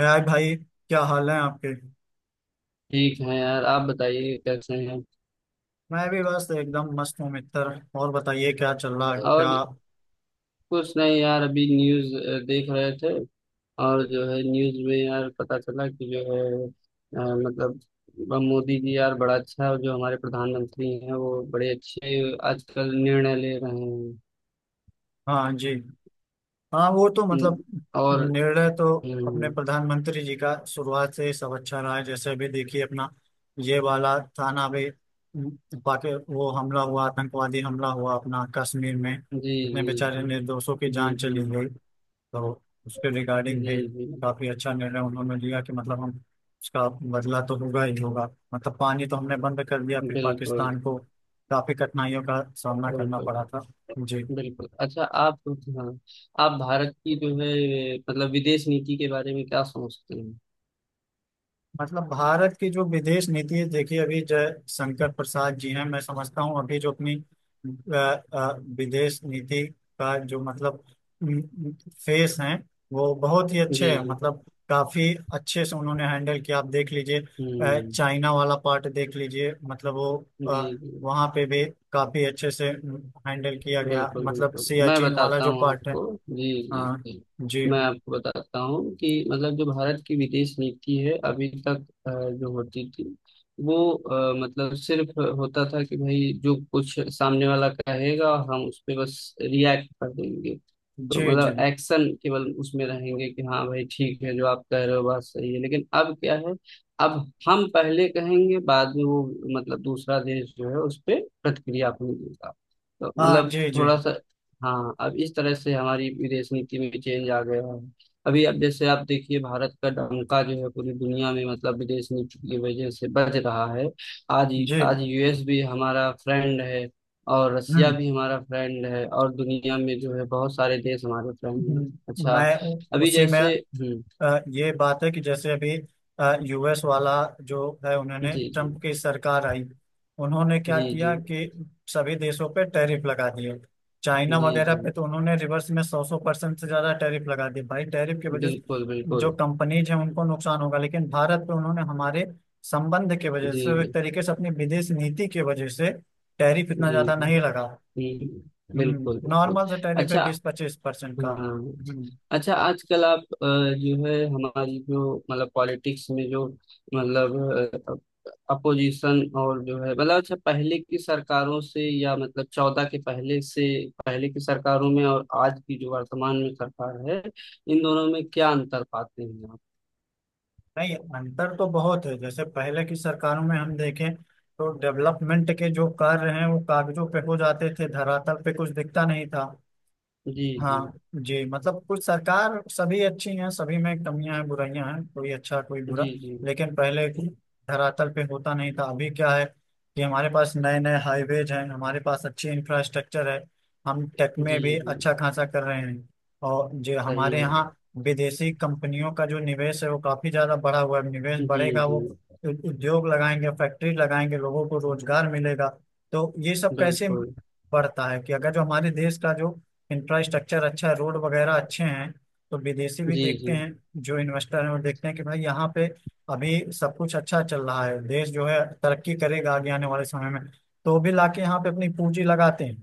हाय भाई, क्या हाल है आपके। ठीक है यार, आप बताइए कैसे हैं। मैं भी बस एकदम मस्त हूँ मित्र। और बताइए क्या चल रहा है क्या। और कुछ नहीं यार, अभी न्यूज़ देख रहे थे। और जो है न्यूज़ में यार, पता चला कि जो है मतलब मोदी जी यार बड़ा अच्छा, जो हमारे प्रधानमंत्री हैं वो बड़े अच्छे आजकल निर्णय ले रहे हैं। हाँ जी। हाँ, वो तो हम्म, मतलब और निर्णय तो अपने हम्म, प्रधानमंत्री जी का शुरुआत से ही सब अच्छा रहा है। जैसे अभी देखिए अपना ये वाला थाना भी, पाकि वो हमला हुआ, आतंकवादी हमला हुआ अपना कश्मीर में, जी इतने जी बेचारे जी। निर्दोषों की जी जान जी। चली गई। तो उसके जी रिगार्डिंग भी जी। काफी अच्छा निर्णय उन्होंने लिया कि मतलब हम उसका बदला तो होगा ही होगा। मतलब पानी तो हमने बंद कर दिया, फिर बिल्कुल। पाकिस्तान को काफी कठिनाइयों का सामना करना बिल्कुल। पड़ा था। जी। बिल्कुल, अच्छा आप, हाँ, आप भारत की जो है मतलब विदेश नीति के बारे में क्या सोचते हैं? मतलब भारत की जो विदेश नीति है, देखिए अभी जयशंकर प्रसाद जी हैं। मैं समझता हूँ अभी जो अपनी अ, विदेश नीति का जो मतलब फेस हैं, वो बहुत ही अच्छे जी, हैं। जी। मतलब काफी अच्छे से उन्होंने हैंडल किया, आप देख लीजिए। हुँ। चाइना वाला पार्ट देख लीजिए, मतलब वो जी, अ, जी। वहाँ पे भी काफी अच्छे से हैंडल किया गया। बिल्कुल मतलब बिल्कुल, मैं सियाचिन वाला बताता जो हूँ पार्ट है। आपको। जी जी हाँ। जी। जी मैं आपको बताता हूँ कि मतलब जो भारत की विदेश नीति है अभी तक जो होती थी वो मतलब सिर्फ होता था कि भाई जो कुछ सामने वाला कहेगा हम उस पे बस रिएक्ट कर देंगे। तो जी जी। मतलब एक्शन केवल उसमें रहेंगे कि हाँ भाई ठीक है, जो आप कह रहे हो बात सही है, लेकिन अब क्या है। अब हम पहले कहेंगे, बाद में वो मतलब दूसरा देश जो है उस पे प्रतिक्रिया अपनी देगा। तो हाँ। मतलब जी जी थोड़ा सा, हाँ, अब इस तरह से हमारी विदेश नीति में चेंज आ गया है। अभी, अब जैसे आप देखिए, भारत का डंका जो है पूरी दुनिया में मतलब विदेश नीति की वजह से बज रहा है। आज जी। आज यूएस भी हमारा फ्रेंड है, और रसिया हम्म। भी हमारा फ्रेंड है, और दुनिया में जो है बहुत सारे देश हमारे फ्रेंड हैं। अच्छा, मैं अभी उसी में जैसे हम्म। ये बात है कि जैसे अभी यूएस वाला जो है, जी उन्होंने जी ट्रम्प की सरकार आई। उन्होंने क्या जी। जी किया कि सभी देशों पे टैरिफ लगा दिए। जी चाइना वगैरह जी। पे तो उन्होंने रिवर्स में 100-100% से ज्यादा टैरिफ लगा दिए भाई। टैरिफ की वजह से बिल्कुल जो बिल्कुल। कंपनीज हैं उनको नुकसान होगा, लेकिन भारत पे उन्होंने हमारे संबंध की वजह जी से, एक जी तरीके से अपनी विदेश नीति की वजह से, टैरिफ इतना जी ज्यादा जी। नहीं लगा। हम्म। बिल्कुल बिल्कुल। नॉर्मल से टैरिफ है, अच्छा, 20-25% का। हाँ। हम्म। अच्छा, आजकल आप जो है हमारी जो मतलब पॉलिटिक्स में जो मतलब अपोजिशन, और जो है मतलब, अच्छा, पहले की सरकारों से, या मतलब 14 के पहले से, पहले की सरकारों में और आज की जो वर्तमान में सरकार है, इन दोनों में क्या अंतर पाते हैं आप? नहीं, अंतर तो बहुत है। जैसे पहले की सरकारों में हम देखें तो डेवलपमेंट के जो कार्य हैं वो कागजों पे हो जाते थे, धरातल पे कुछ दिखता नहीं था। जी जी हाँ जी। मतलब कुछ सरकार सभी अच्छी हैं, सभी में कमियां हैं, बुराइयां हैं, कोई अच्छा कोई बुरा। जी। जी लेकिन पहले धरातल पे होता नहीं था। अभी क्या है कि हमारे पास नए नए हाईवेज हैं, हमारे पास अच्छी इंफ्रास्ट्रक्चर है, हम टेक में जी भी जी। अच्छा खासा कर रहे हैं। और जो सही हमारे है। यहाँ विदेशी कंपनियों का जो निवेश है, वो काफी ज्यादा बढ़ा हुआ है। निवेश जी बढ़ेगा, जी वो उद्योग लगाएंगे, फैक्ट्री लगाएंगे, लोगों को रोजगार मिलेगा। तो ये सब कैसे बिल्कुल। बढ़ता है कि अगर जो हमारे देश का जो इंफ्रास्ट्रक्चर अच्छा है, रोड वगैरह अच्छे हैं, तो विदेशी भी जी देखते जी। हैं, जो इन्वेस्टर हैं वो देखते हैं कि भाई यहाँ पे अभी सब कुछ अच्छा चल रहा है, देश जो है तरक्की करेगा आगे आने वाले समय में, तो वो भी लाके यहाँ पे अपनी पूंजी लगाते हैं।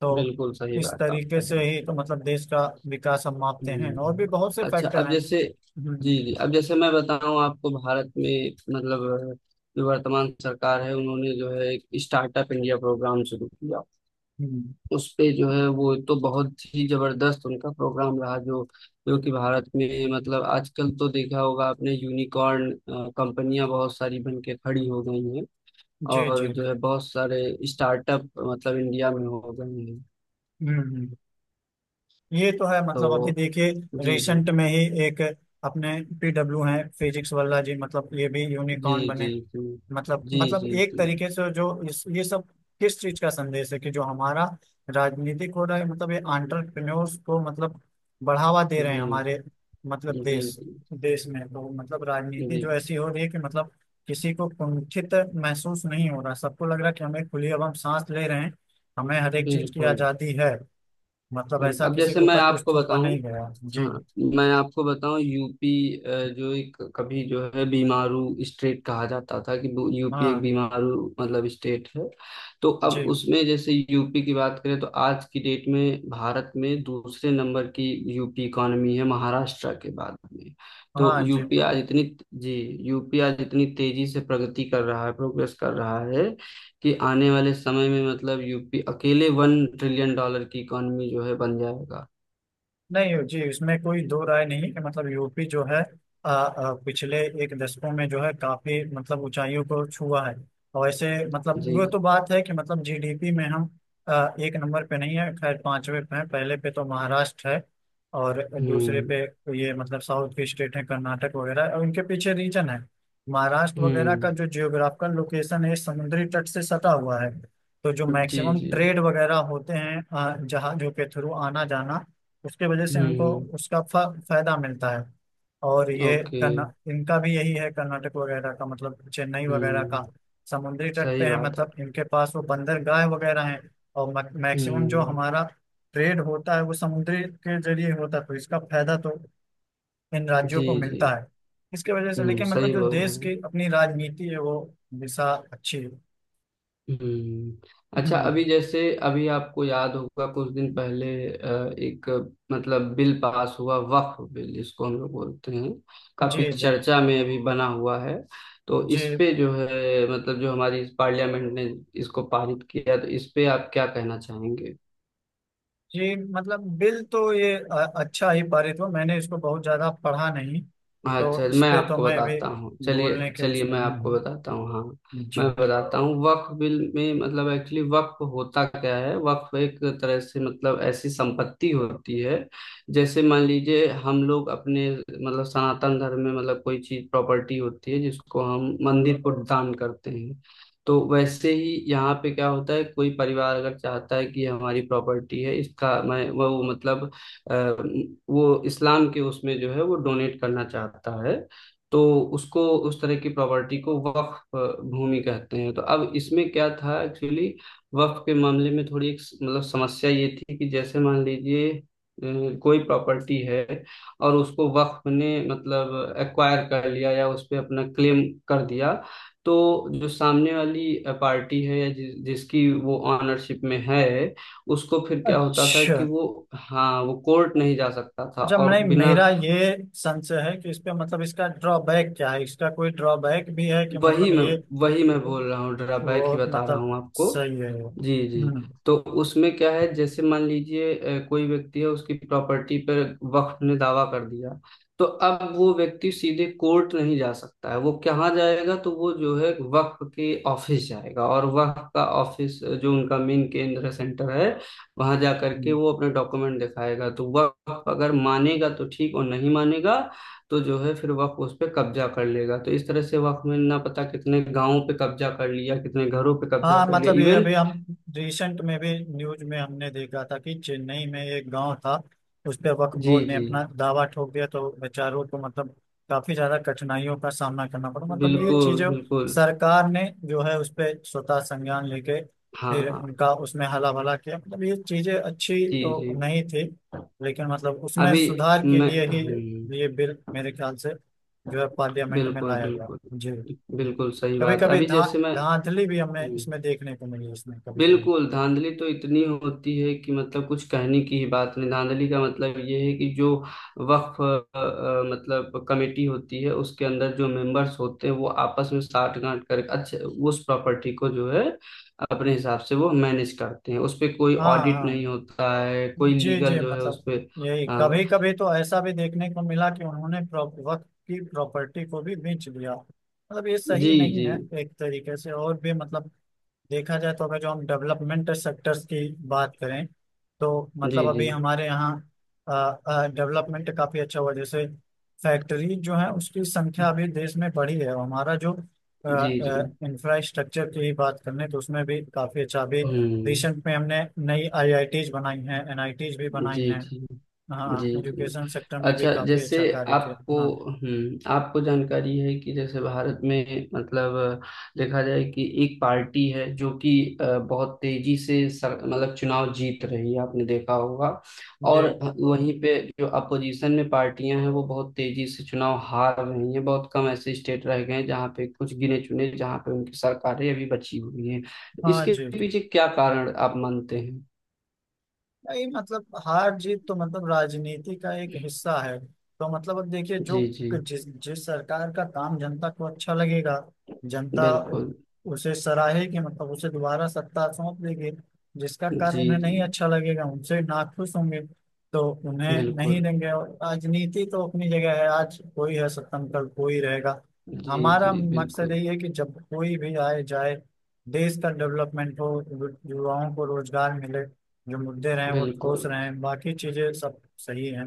तो बिल्कुल सही इस बात आप तरीके कह रहे से हैं। ही तो मतलब देश का विकास हम मापते हैं, और भी हम्म, बहुत से अच्छा, फैक्टर अब हैं। जैसे हम्म। जी जी, अब जैसे मैं बताऊं आपको, भारत में मतलब जो वर्तमान सरकार है उन्होंने जो है एक स्टार्टअप इंडिया प्रोग्राम शुरू किया। हम्म, उस पे जो है वो तो बहुत ही जबरदस्त उनका प्रोग्राम रहा, जो जो कि भारत में मतलब आजकल तो देखा होगा आपने, यूनिकॉर्न कंपनियां बहुत सारी बन के खड़ी हो गई हैं, जी जी। और जो है बहुत सारे स्टार्टअप मतलब इंडिया में हो गए हैं। हम्म। हम्म। ये तो है, मतलब अभी तो देखिए जी जी रिसेंट में ही एक अपने पीडब्ल्यू हैं, फिजिक्स वाला जी, मतलब ये भी जी। यूनिकॉर्न बने। जी जी मतलब जी। मतलब जी एक जी तरीके से जो इस ये सब किस चीज का संदेश है कि जो हमारा राजनीतिक हो रहा है, मतलब ये आंट्रप्रेन्योर्स को मतलब बढ़ावा दे रहे हैं जी। हमारे मतलब देश जी देश में। तो मतलब जी। राजनीति जो ऐसी हो रही है कि मतलब किसी को कुंठित महसूस नहीं हो रहा, सबको लग रहा है कि हमें खुली अब हम सांस ले रहे हैं, हमें हर एक चीज की बिल्कुल आजादी है। मतलब बिल्कुल। ऐसा अब किसी जैसे के मैं ऊपर कुछ आपको थोपा बताऊं, नहीं गया जी। हाँ, मैं आपको बताऊं, यूपी जो एक कभी जो है बीमारू स्टेट कहा जाता था कि वो यूपी एक हाँ बीमारू मतलब स्टेट है। तो अब जी। उसमें जैसे यूपी की बात करें, तो आज की डेट में भारत में दूसरे नंबर की यूपी इकॉनमी है, महाराष्ट्र के बाद में। तो हाँ जी। यूपी आज इतनी जी। यूपी आज इतनी तेजी से प्रगति कर रहा है, प्रोग्रेस कर रहा है कि आने वाले समय में मतलब यूपी अकेले 1 ट्रिलियन डॉलर की इकॉनमी जो है बन जाएगा। नहीं हो जी, इसमें कोई दो राय नहीं है कि मतलब यूपी जो है पिछले एक दशकों में जो है काफी मतलब ऊंचाइयों को छुआ है। और ऐसे जी मतलब वो तो जी। बात है कि मतलब जीडीपी में हम एक नंबर पे नहीं है, खैर पांचवे पे हैं। पहले पे तो महाराष्ट्र है, और दूसरे पे हम्म ये मतलब साउथ की स्टेट है, कर्नाटक वगैरह। और उनके पीछे रीजन है, महाराष्ट्र वगैरह का हम्म। जो जियोग्राफिकल लोकेशन है, समुद्री तट से सटा हुआ है। तो जो जी मैक्सिमम जी। ट्रेड वगैरह होते हैं, जहाजों के थ्रू आना जाना, उसके वजह से हमको हम्म। उसका फायदा मिलता है। और ये ओके। कर्ना इनका भी यही है, कर्नाटक वगैरह का मतलब चेन्नई वगैरह का, हम्म, समुद्री तट पे सही है, बात है। मतलब इनके पास वो बंदरगाह वगैरह हैं। और मैक्सिमम जो हम्म, हमारा ट्रेड होता है वो समुद्री के जरिए होता है, तो इसका फायदा तो इन राज्यों जी को जी। मिलता है इसके वजह से। हम्म, लेकिन सही मतलब जो बोल रहे देश हैं। की अपनी राजनीति है वो दिशा अच्छी है। हम्म, अच्छा, हम्म। अभी जैसे, अभी आपको याद होगा, कुछ दिन पहले एक मतलब बिल पास हुआ, वक्फ बिल इसको हम लोग बोलते हैं, जी काफी जी। चर्चा में अभी बना हुआ है। तो जी। इस पे जो है मतलब जो हमारी पार्लियामेंट ने इसको पारित किया, तो इस पे आप क्या कहना चाहेंगे? जी मतलब बिल तो ये अच्छा ही पारित हुआ। मैंने इसको बहुत ज्यादा पढ़ा नहीं, अच्छा, तो इस मैं पे तो आपको मैं अभी बताता हूँ, चलिए बोलने के चलिए, उसमें मैं ही आपको हूँ। बताता हूँ। हाँ, जी। मैं बताता हूँ, वक्फ बिल में मतलब एक्चुअली वक्फ होता क्या है, वक्फ एक तरह से मतलब ऐसी संपत्ति होती है। जैसे मान लीजिए, हम लोग अपने मतलब सनातन धर्म में मतलब कोई चीज प्रॉपर्टी होती है जिसको हम मंदिर को दान करते हैं। तो वैसे ही यहाँ पे क्या होता है, कोई परिवार अगर चाहता है कि हमारी प्रॉपर्टी है, इसका मैं वो मतलब अ, वो इस्लाम के उसमें जो है वो डोनेट करना चाहता है। तो उसको, उस तरह की प्रॉपर्टी को वक्फ भूमि कहते हैं। तो अब इसमें क्या था एक्चुअली, वक्फ के मामले में थोड़ी एक मतलब समस्या ये थी कि जैसे मान लीजिए कोई प्रॉपर्टी है, और उसको वक्फ ने मतलब एक्वायर कर लिया या उस पे अपना क्लेम कर दिया। तो जो सामने वाली पार्टी है, या जिसकी वो ऑनरशिप में है, उसको फिर क्या होता था अच्छा। कि वो, हाँ, वो कोर्ट नहीं जा सकता था, अच्छा, और नहीं बिना, मेरा ये संशय है कि इस पे मतलब इसका ड्रॉबैक क्या है, इसका कोई ड्रॉबैक भी है कि वही मतलब मैं ये, वही मैं बोल रहा हूँ, ड्रा बैक ही वो बता रहा मतलब हूँ आपको। सही है। जी जी। हम्म। तो उसमें क्या है, जैसे मान लीजिए कोई व्यक्ति है, उसकी प्रॉपर्टी पर वक्फ ने दावा कर दिया। तो अब वो व्यक्ति सीधे कोर्ट नहीं जा सकता है, वो कहाँ जाएगा, तो वो जो है वक्फ के ऑफिस जाएगा, और वक्फ का ऑफिस जो उनका मेन केंद्र है, सेंटर है, वहां जा करके हम्म। वो अपना डॉक्यूमेंट दिखाएगा, तो वक्फ अगर मानेगा तो ठीक, और नहीं मानेगा तो जो है फिर वक्फ उस पर कब्जा कर लेगा। तो इस तरह से वक्फ में ना पता कितने गांवों पे कब्जा कर लिया, कितने घरों पे कब्जा हाँ कर लिया, मतलब ये इवन, अभी हम रिसेंट में भी न्यूज में हमने देखा था कि चेन्नई में एक गांव था, उस पे वक्फ जी बोर्ड ने जी। अपना दावा ठोक दिया, तो बेचारों को मतलब काफी ज्यादा कठिनाइयों का सामना करना पड़ा। मतलब ये बिल्कुल चीजें बिल्कुल। सरकार ने जो है उस पे स्वतः संज्ञान लेके हाँ फिर हाँ। उनका उसमें हला भला किया। मतलब ये चीजें अच्छी जी तो जी। नहीं थी, लेकिन मतलब उसमें अभी सुधार के मैं लिए ही ये बिल मेरे ख्याल से जो है पार्लियामेंट में बिल्कुल लाया गया बिल्कुल। जी। जी। बिल्कुल सही कभी बात है, कभी अभी धा जैसे मैं धांधली भी हमें हम्म, इसमें देखने को मिली इसमें, कभी कभी। बिल्कुल, धांधली तो इतनी होती है कि मतलब कुछ कहने की ही बात नहीं, धांधली का मतलब ये है कि जो वक्फ मतलब कमेटी होती है, उसके अंदर जो मेंबर्स होते हैं वो आपस में साठगांठ करके अच्छे, उस प्रॉपर्टी को जो है अपने हिसाब से वो मैनेज करते हैं, उस पे कोई हाँ ऑडिट हाँ। नहीं होता है, कोई जी जी। लीगल जो है मतलब उस पे यही, अ, कभी कभी तो ऐसा भी देखने को मिला कि उन्होंने वक्त की प्रॉपर्टी को भी बेच दिया। मतलब ये जी सही नहीं जी है एक तरीके से, और भी मतलब देखा जाए तो अगर जो हम डेवलपमेंट सेक्टर्स की बात करें, तो जी। मतलब जी अभी हमारे यहाँ डेवलपमेंट काफी अच्छा हुआ। जैसे फैक्ट्री जो है उसकी संख्या अभी देश में बढ़ी है, और हमारा जो जी जी। इंफ्रास्ट्रक्चर की बात करें तो उसमें भी काफी अच्छा अभी हम्म, रिसेंट में हमने नई आईआईटीज बनाई हैं, एनआईटीज भी बनाई जी हैं। जी। जी हाँ जी। एजुकेशन सेक्टर में भी अच्छा, काफी जैसे अच्छा कार्य आपको किया। हाँ आपको जानकारी है कि जैसे भारत में मतलब अ, देखा जाए कि एक पार्टी है जो कि बहुत तेजी से सर, मतलब चुनाव जीत रही है, आपने देखा होगा। जी। और वहीं पे जो अपोजिशन में पार्टियां हैं वो बहुत तेजी से चुनाव हार रही हैं, बहुत कम ऐसे स्टेट रह गए हैं जहाँ पे कुछ गिने चुने, जहाँ पे उनकी सरकारें अभी बची हुई हैं। हाँ इसके जी। जी। पीछे क्या कारण आप मानते हैं? नहीं मतलब हार जीत तो मतलब राजनीति का एक हिस्सा है। तो मतलब अब देखिए जो, जी जी जिस जिस सरकार का काम जनता को अच्छा लगेगा, जनता उ- बिल्कुल। उसे सराहेगी, मतलब उसे दोबारा सत्ता सौंप देगी। जिसका कार्य जी उन्हें जी नहीं अच्छा लगेगा उनसे नाखुश होंगे, तो उन्हें नहीं बिल्कुल। देंगे। और राजनीति तो अपनी जगह है, आज कोई है सत्ता में, कल कोई रहेगा। जी हमारा जी मकसद बिल्कुल यही है कि जब कोई भी आए जाए, देश का डेवलपमेंट हो, युवाओं को रोजगार मिले, जो मुद्दे रहे हैं वो ठोस बिल्कुल। रहे हैं, बाकी चीजें सब सही हैं।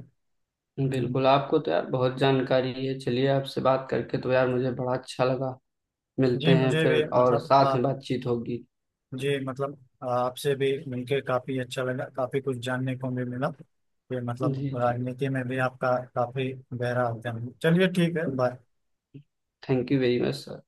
बिल्कुल, हम्म। आपको तो यार बहुत जानकारी है, चलिए, आपसे बात करके तो यार मुझे बड़ा अच्छा लगा। मिलते जी हैं मुझे भी फिर, और मतलब साथ में आप, बातचीत होगी। जी मतलब आपसे भी मिलके काफी अच्छा लगा, काफी कुछ जानने को भी मिला कि मतलब जी जी। राजनीति में भी आपका काफी गहरा अध्ययन है। चलिए ठीक है, bye. Thank you very much sir.